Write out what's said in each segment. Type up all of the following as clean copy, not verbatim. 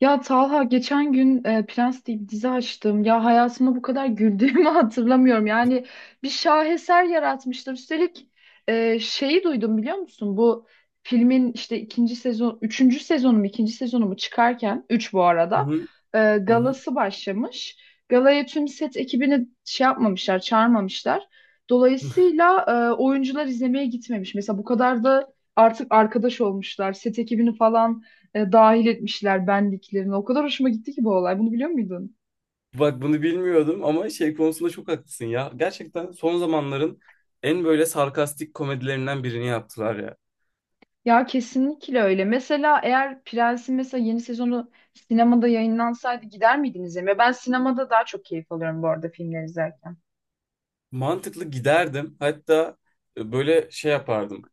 Ya Talha geçen gün Prens diye bir dizi açtım. Ya hayatımda bu kadar güldüğümü hatırlamıyorum. Yani bir şaheser yaratmışlar. Üstelik şeyi duydum biliyor musun? Bu filmin işte ikinci sezon, üçüncü sezonu mu, ikinci sezonu mu çıkarken, üç bu Hı arada, hı, hı hı. galası başlamış. Galaya tüm set ekibini şey yapmamışlar, çağırmamışlar. Dolayısıyla oyuncular izlemeye gitmemiş. Mesela bu kadar da artık arkadaş olmuşlar. Set ekibini falan dahil etmişler benliklerini. O kadar hoşuma gitti ki bu olay. Bunu biliyor muydun? Bak bunu bilmiyordum ama şey konusunda çok haklısın ya. Gerçekten son zamanların en böyle sarkastik komedilerinden birini yaptılar ya. Ya kesinlikle öyle. Mesela eğer Prens'in mesela yeni sezonu sinemada yayınlansaydı gider miydiniz izlemeye? Ben sinemada daha çok keyif alıyorum bu arada filmler izlerken. Mantıklı, giderdim. Hatta böyle şey yapardım.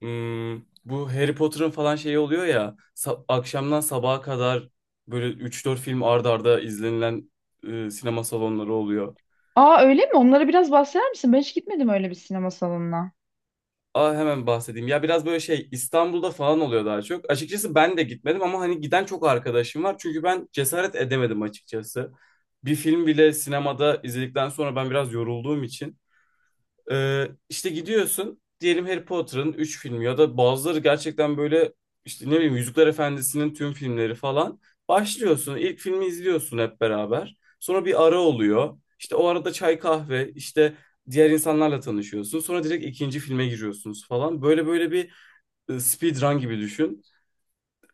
Hmm, bu Harry Potter'ın falan şeyi oluyor ya. Akşamdan sabaha kadar böyle üç dört film arda arda izlenilen sinema salonları oluyor. Aa, öyle mi? Onlara biraz bahseder misin? Ben hiç gitmedim öyle bir sinema salonuna. Aa, hemen bahsedeyim. Ya biraz böyle şey İstanbul'da falan oluyor daha çok. Açıkçası ben de gitmedim ama hani giden çok arkadaşım var. Çünkü ben cesaret edemedim açıkçası. Bir film bile sinemada izledikten sonra ben biraz yorulduğum için. İşte gidiyorsun diyelim, Harry Potter'ın 3 filmi ya da bazıları gerçekten böyle işte ne bileyim Yüzükler Efendisi'nin tüm filmleri falan. Başlıyorsun, ilk filmi izliyorsun hep beraber. Sonra bir ara oluyor. İşte o arada çay kahve işte diğer insanlarla tanışıyorsun. Sonra direkt ikinci filme giriyorsunuz falan. Böyle böyle bir speedrun gibi düşün.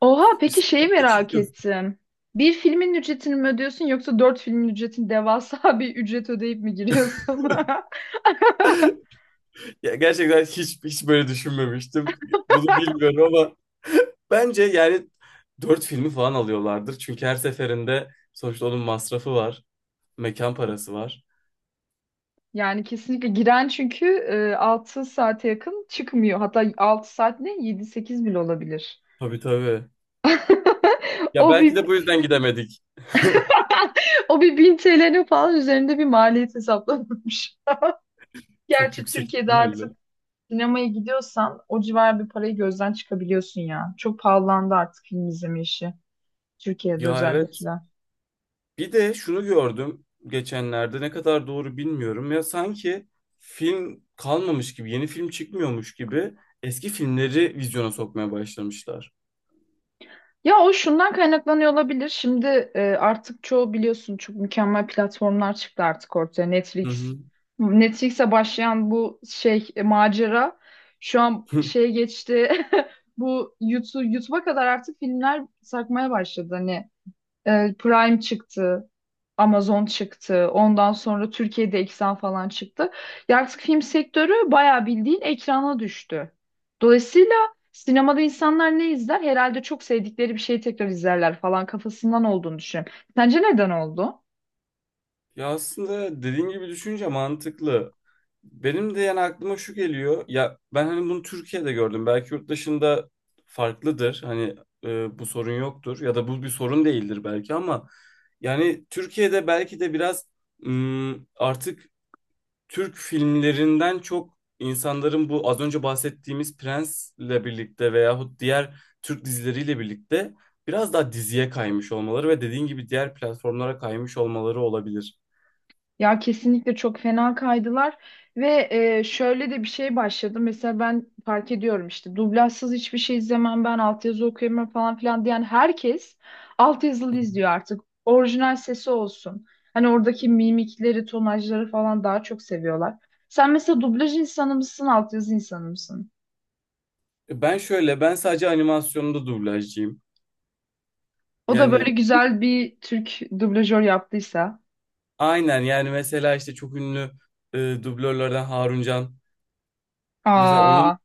Oha, peki İşte, şeyi merak ettim. Bir filmin ücretini mi ödüyorsun yoksa dört filmin ücretini devasa bir ücret ödeyip mi giriyorsun? ya gerçekten hiç böyle düşünmemiştim. Bunu bilmiyorum ama bence yani dört filmi falan alıyorlardır. Çünkü her seferinde sonuçta onun masrafı var. Mekan parası var. Yani kesinlikle giren, çünkü 6 saate yakın çıkmıyor. Hatta 6 saat ne? Yedi sekiz bile olabilir. Tabii, tabii. Ya O belki bir de bu yüzden gidemedik. o bir 1000 TL'nin falan üzerinde bir maliyet hesaplanmış. Çok Gerçi yüksek Türkiye'de artık ihtimalle. sinemaya gidiyorsan o civar bir parayı gözden çıkabiliyorsun ya. Çok pahalandı artık film izleme işi. Türkiye'de Ya evet. özellikle. Bir de şunu gördüm geçenlerde, ne kadar doğru bilmiyorum. Ya sanki film kalmamış gibi, yeni film çıkmıyormuş gibi eski filmleri vizyona sokmaya başlamışlar. Ya o şundan kaynaklanıyor olabilir. Şimdi artık çoğu biliyorsun çok mükemmel platformlar çıktı artık ortaya. Hı Netflix. hı. Netflix'e başlayan bu şey macera şu an şeye geçti. Bu YouTube'a kadar artık filmler sarkmaya başladı. Hani Prime çıktı. Amazon çıktı. Ondan sonra Türkiye'de Eksen falan çıktı. Ya artık film sektörü bayağı bildiğin ekrana düştü. Dolayısıyla sinemada insanlar ne izler? Herhalde çok sevdikleri bir şeyi tekrar izlerler falan kafasından olduğunu düşünüyorum. Sence neden oldu? Ya aslında dediğin gibi, düşünce mantıklı. Benim de yani aklıma şu geliyor. Ya ben hani bunu Türkiye'de gördüm. Belki yurt dışında farklıdır. Hani bu sorun yoktur ya da bu bir sorun değildir belki ama yani Türkiye'de belki de biraz artık Türk filmlerinden çok insanların bu az önce bahsettiğimiz Prens'le birlikte veyahut diğer Türk dizileriyle birlikte biraz daha diziye kaymış olmaları ve dediğin gibi diğer platformlara kaymış olmaları olabilir. Ya kesinlikle çok fena kaydılar ve şöyle de bir şey başladı. Mesela ben fark ediyorum, işte dublajsız hiçbir şey izlemem, ben altyazı okuyamam falan filan diyen herkes altyazılı izliyor artık. Orijinal sesi olsun. Hani oradaki mimikleri, tonajları falan daha çok seviyorlar. Sen mesela dublaj insanı mısın, altyazı insanı mısın? Ben şöyle, ben sadece animasyonda dublajcıyım. O da Yani böyle güzel bir Türk dublajör yaptıysa. aynen, yani mesela işte çok ünlü dublörlerden Harun Can. Mesela onun Aa.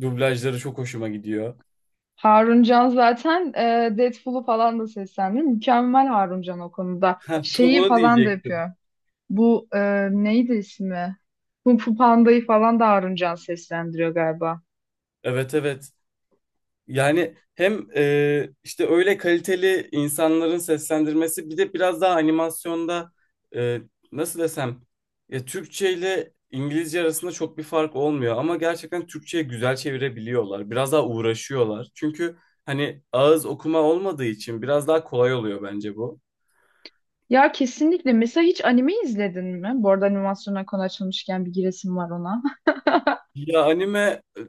dublajları çok hoşuma gidiyor. Harun Can zaten Deadpool'u falan da seslendiriyor. Mükemmel Harun Can o konuda. Ha, tam Şeyi onu falan da diyecektim. yapıyor. Bu neydi ismi? Kung Fu Panda'yı falan da Harun Can seslendiriyor galiba. Evet, evet. Yani hem işte öyle kaliteli insanların seslendirmesi, bir de biraz daha animasyonda e, nasıl desem, ya Türkçe ile İngilizce arasında çok bir fark olmuyor ama gerçekten Türkçe'ye güzel çevirebiliyorlar. Biraz daha uğraşıyorlar. Çünkü hani ağız okuma olmadığı için biraz daha kolay oluyor bence bu. Ya kesinlikle. Mesela hiç anime izledin mi? Bu arada animasyona konu açılmışken bir giresim var ona. Ya anime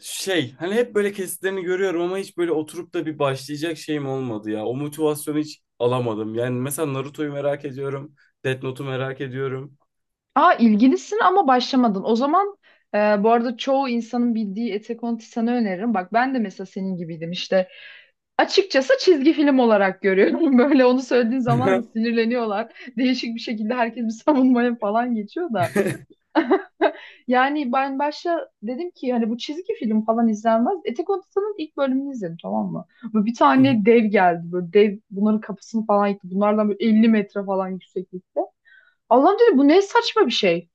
şey, hani hep böyle kesitlerini görüyorum ama hiç böyle oturup da bir başlayacak şeyim olmadı ya. O motivasyonu hiç alamadım. Yani mesela Naruto'yu merak ediyorum. Death Note'u merak ediyorum. Aa, ilgilisin ama başlamadın. O zaman e, bu arada çoğu insanın bildiği Attack on Titan'ı öneririm. Bak ben de mesela senin gibiydim. İşte açıkçası çizgi film olarak görüyorum. Böyle onu söylediğin zaman da sinirleniyorlar. Değişik bir şekilde herkes bir savunmaya falan geçiyor da. Yani ben başta dedim ki hani bu çizgi film falan izlenmez. Etek Odası'nın ilk bölümünü izledim, tamam mı? Böyle bir tane dev geldi. Böyle dev bunların kapısını falan yıktı. Bunlardan böyle 50 metre falan yükseklikte. Allah'ım, dedim, bu ne saçma bir şey.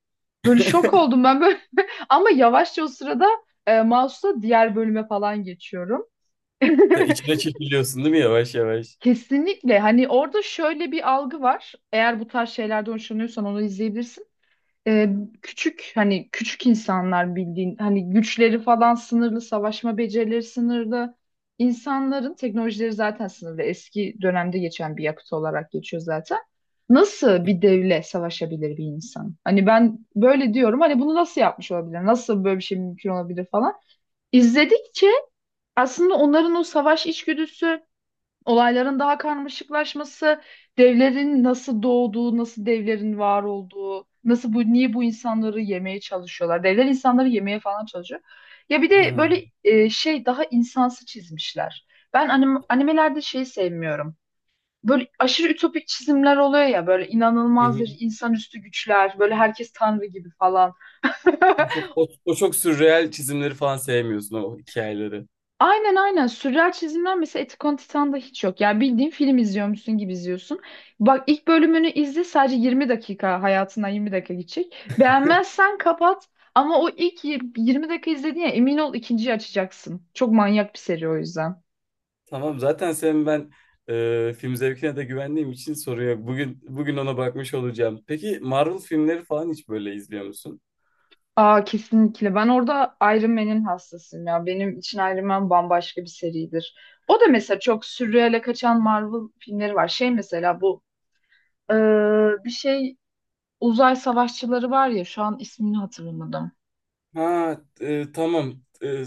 Böyle şok oldum ben böyle. Ama yavaşça o sırada mouse'la diğer bölüme falan geçiyorum. De içine çekiliyorsun değil mi yavaş yavaş? Kesinlikle. Hani orada şöyle bir algı var. Eğer bu tarz şeylerden hoşlanıyorsan onu izleyebilirsin. Ee, Küçük, hani küçük insanlar, bildiğin hani güçleri falan sınırlı, savaşma becerileri sınırlı. İnsanların teknolojileri zaten sınırlı. Eski dönemde geçen bir yapıt olarak geçiyor zaten. Nasıl bir devle savaşabilir bir insan? Hani ben böyle diyorum. Hani bunu nasıl yapmış olabilir? Nasıl böyle bir şey mümkün olabilir falan. İzledikçe aslında onların o savaş içgüdüsü, olayların daha karmaşıklaşması, devlerin nasıl doğduğu, nasıl devlerin var olduğu, nasıl bu, niye bu insanları yemeye çalışıyorlar. Devler insanları yemeye falan çalışıyor. Ya bir de Ha. böyle şey, daha insansı çizmişler. Ben animelerde şeyi sevmiyorum. Böyle aşırı ütopik çizimler oluyor ya, böyle Hı inanılmazdır, hı. insanüstü güçler, böyle herkes tanrı gibi falan. O çok, o çok sürreel çizimleri falan sevmiyorsun, o hikayeleri. Aynen, aynen. Sürreal çizimler mesela Attack on Titan'da hiç yok. Yani bildiğin film izliyormuşsun gibi izliyorsun. Bak ilk bölümünü izle, sadece 20 dakika, hayatından 20 dakika geçecek. Beğenmezsen kapat, ama o ilk 20 dakika izledin ya, emin ol ikinciyi açacaksın. Çok manyak bir seri o yüzden. Tamam, zaten senin ben film zevkine de güvendiğim için soruyor. Bugün ona bakmış olacağım. Peki Marvel filmleri falan hiç böyle izliyor musun? Aa, kesinlikle. Ben orada Iron Man'in hastasıyım ya. Benim için Iron Man bambaşka bir seridir. O da mesela çok sürreale kaçan Marvel filmleri var. Şey mesela bu ee, bir şey, uzay savaşçıları var ya, şu an ismini hatırlamadım. Ha, tamam.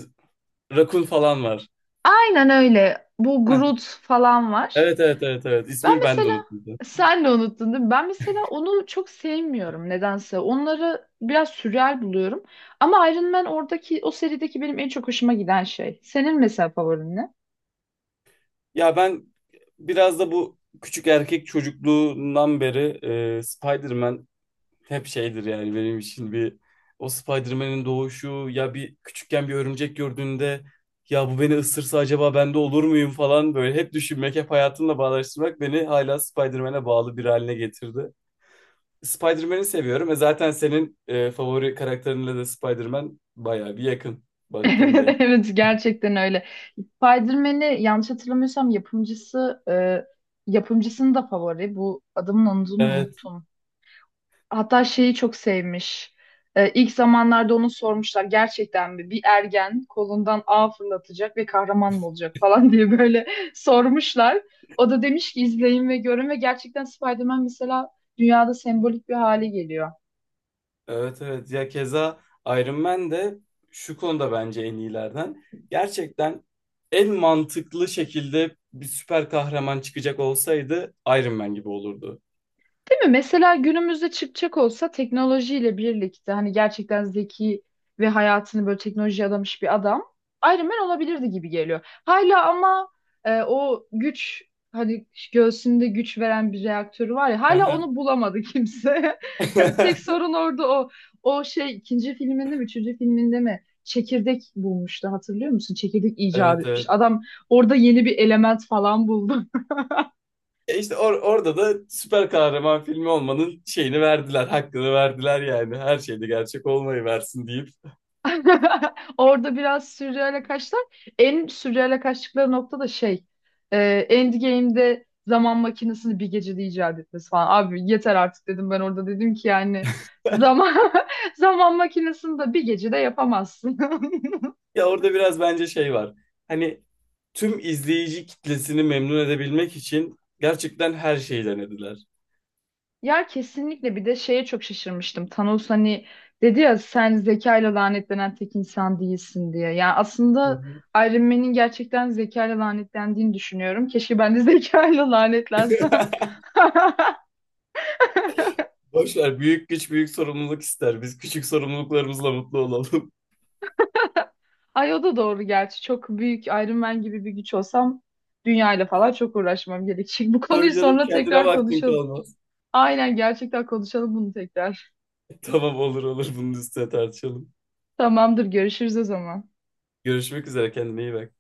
Rakun falan var. Aynen öyle. Bu Heh. Groot falan var. Evet, evet, evet, evet. Ben İsmini ben de mesela unuttum. sen de unuttun değil mi? Ben mesela onu çok sevmiyorum nedense. Onları biraz sürreal buluyorum. Ama Iron Man, oradaki o serideki benim en çok hoşuma giden şey. Senin mesela favorin ne? Ya ben biraz da bu küçük erkek çocukluğundan beri Spider-Man hep şeydir yani benim için bir, o Spider-Man'in doğuşu, ya bir küçükken bir örümcek gördüğünde ya bu beni ısırsa acaba ben de olur muyum falan böyle hep düşünmek, hep hayatımla bağdaştırmak beni hala Spider-Man'e bağlı bir haline getirdi. Spider-Man'i seviyorum. E zaten senin favori karakterinle de Spider-Man bayağı bir yakın Evet, baktığında. evet, gerçekten öyle. Spider-Man'i yanlış hatırlamıyorsam yapımcısının da favori. Bu adamın adını Evet, unuttum. Hatta şeyi çok sevmiş. İlk zamanlarda onu sormuşlar, gerçekten mi bir ergen kolundan ağ fırlatacak ve kahraman mı olacak falan diye böyle sormuşlar. O da demiş ki izleyin ve görün, ve gerçekten Spider-Man mesela dünyada sembolik bir hale geliyor. evet, evet. Ya keza Iron Man de şu konuda bence en iyilerden. Gerçekten en mantıklı şekilde bir süper kahraman çıkacak olsaydı Iron Man gibi olurdu. Değil mi? Mesela günümüzde çıkacak olsa, teknolojiyle birlikte, hani gerçekten zeki ve hayatını böyle teknolojiye adamış bir adam Iron Man olabilirdi gibi geliyor. Hala ama o güç, hani göğsünde güç veren bir reaktörü var ya, hala onu bulamadı kimse. Tek sorun orada o. O şey ikinci filminde mi üçüncü filminde mi çekirdek bulmuştu, hatırlıyor musun? Çekirdek icat Evet, etmiş. evet. Adam orada yeni bir element falan buldu. E işte orada da süper kahraman filmi olmanın şeyini verdiler, hakkını verdiler yani. Her şeyde gerçek olmayı versin deyip. Orada biraz sürreale kaçtılar. En sürreale kaçtıkları nokta da şey. E, Endgame'de zaman makinesini bir gecede icat etmesi falan. Abi yeter artık, dedim ben orada, dedim ki yani zaman zaman makinesini de bir gecede yapamazsın. Ya orada biraz bence şey var. Hani tüm izleyici kitlesini memnun edebilmek için gerçekten her şeyi denediler. Ya kesinlikle, bir de şeye çok şaşırmıştım. Thanos hani dedi ya, sen zekayla lanetlenen tek insan değilsin diye. Yani Hı aslında hı. Iron Man'in gerçekten zekayla lanetlendiğini düşünüyorum. Keşke ben de zekayla lanetlensem. Boş ver, büyük güç büyük sorumluluk ister. Biz küçük sorumluluklarımızla mutlu olalım. Ay, o da doğru gerçi. Çok büyük Iron Man gibi bir güç olsam dünyayla falan çok uğraşmam gerekecek. Bu konuyu Tabii canım, sonra kendine tekrar vaktin konuşalım. kalmaz. Aynen, gerçekten konuşalım bunu tekrar. Tamam, olur olur, bunun üstüne tartışalım. Tamamdır, görüşürüz o zaman. Görüşmek üzere, kendine iyi bak.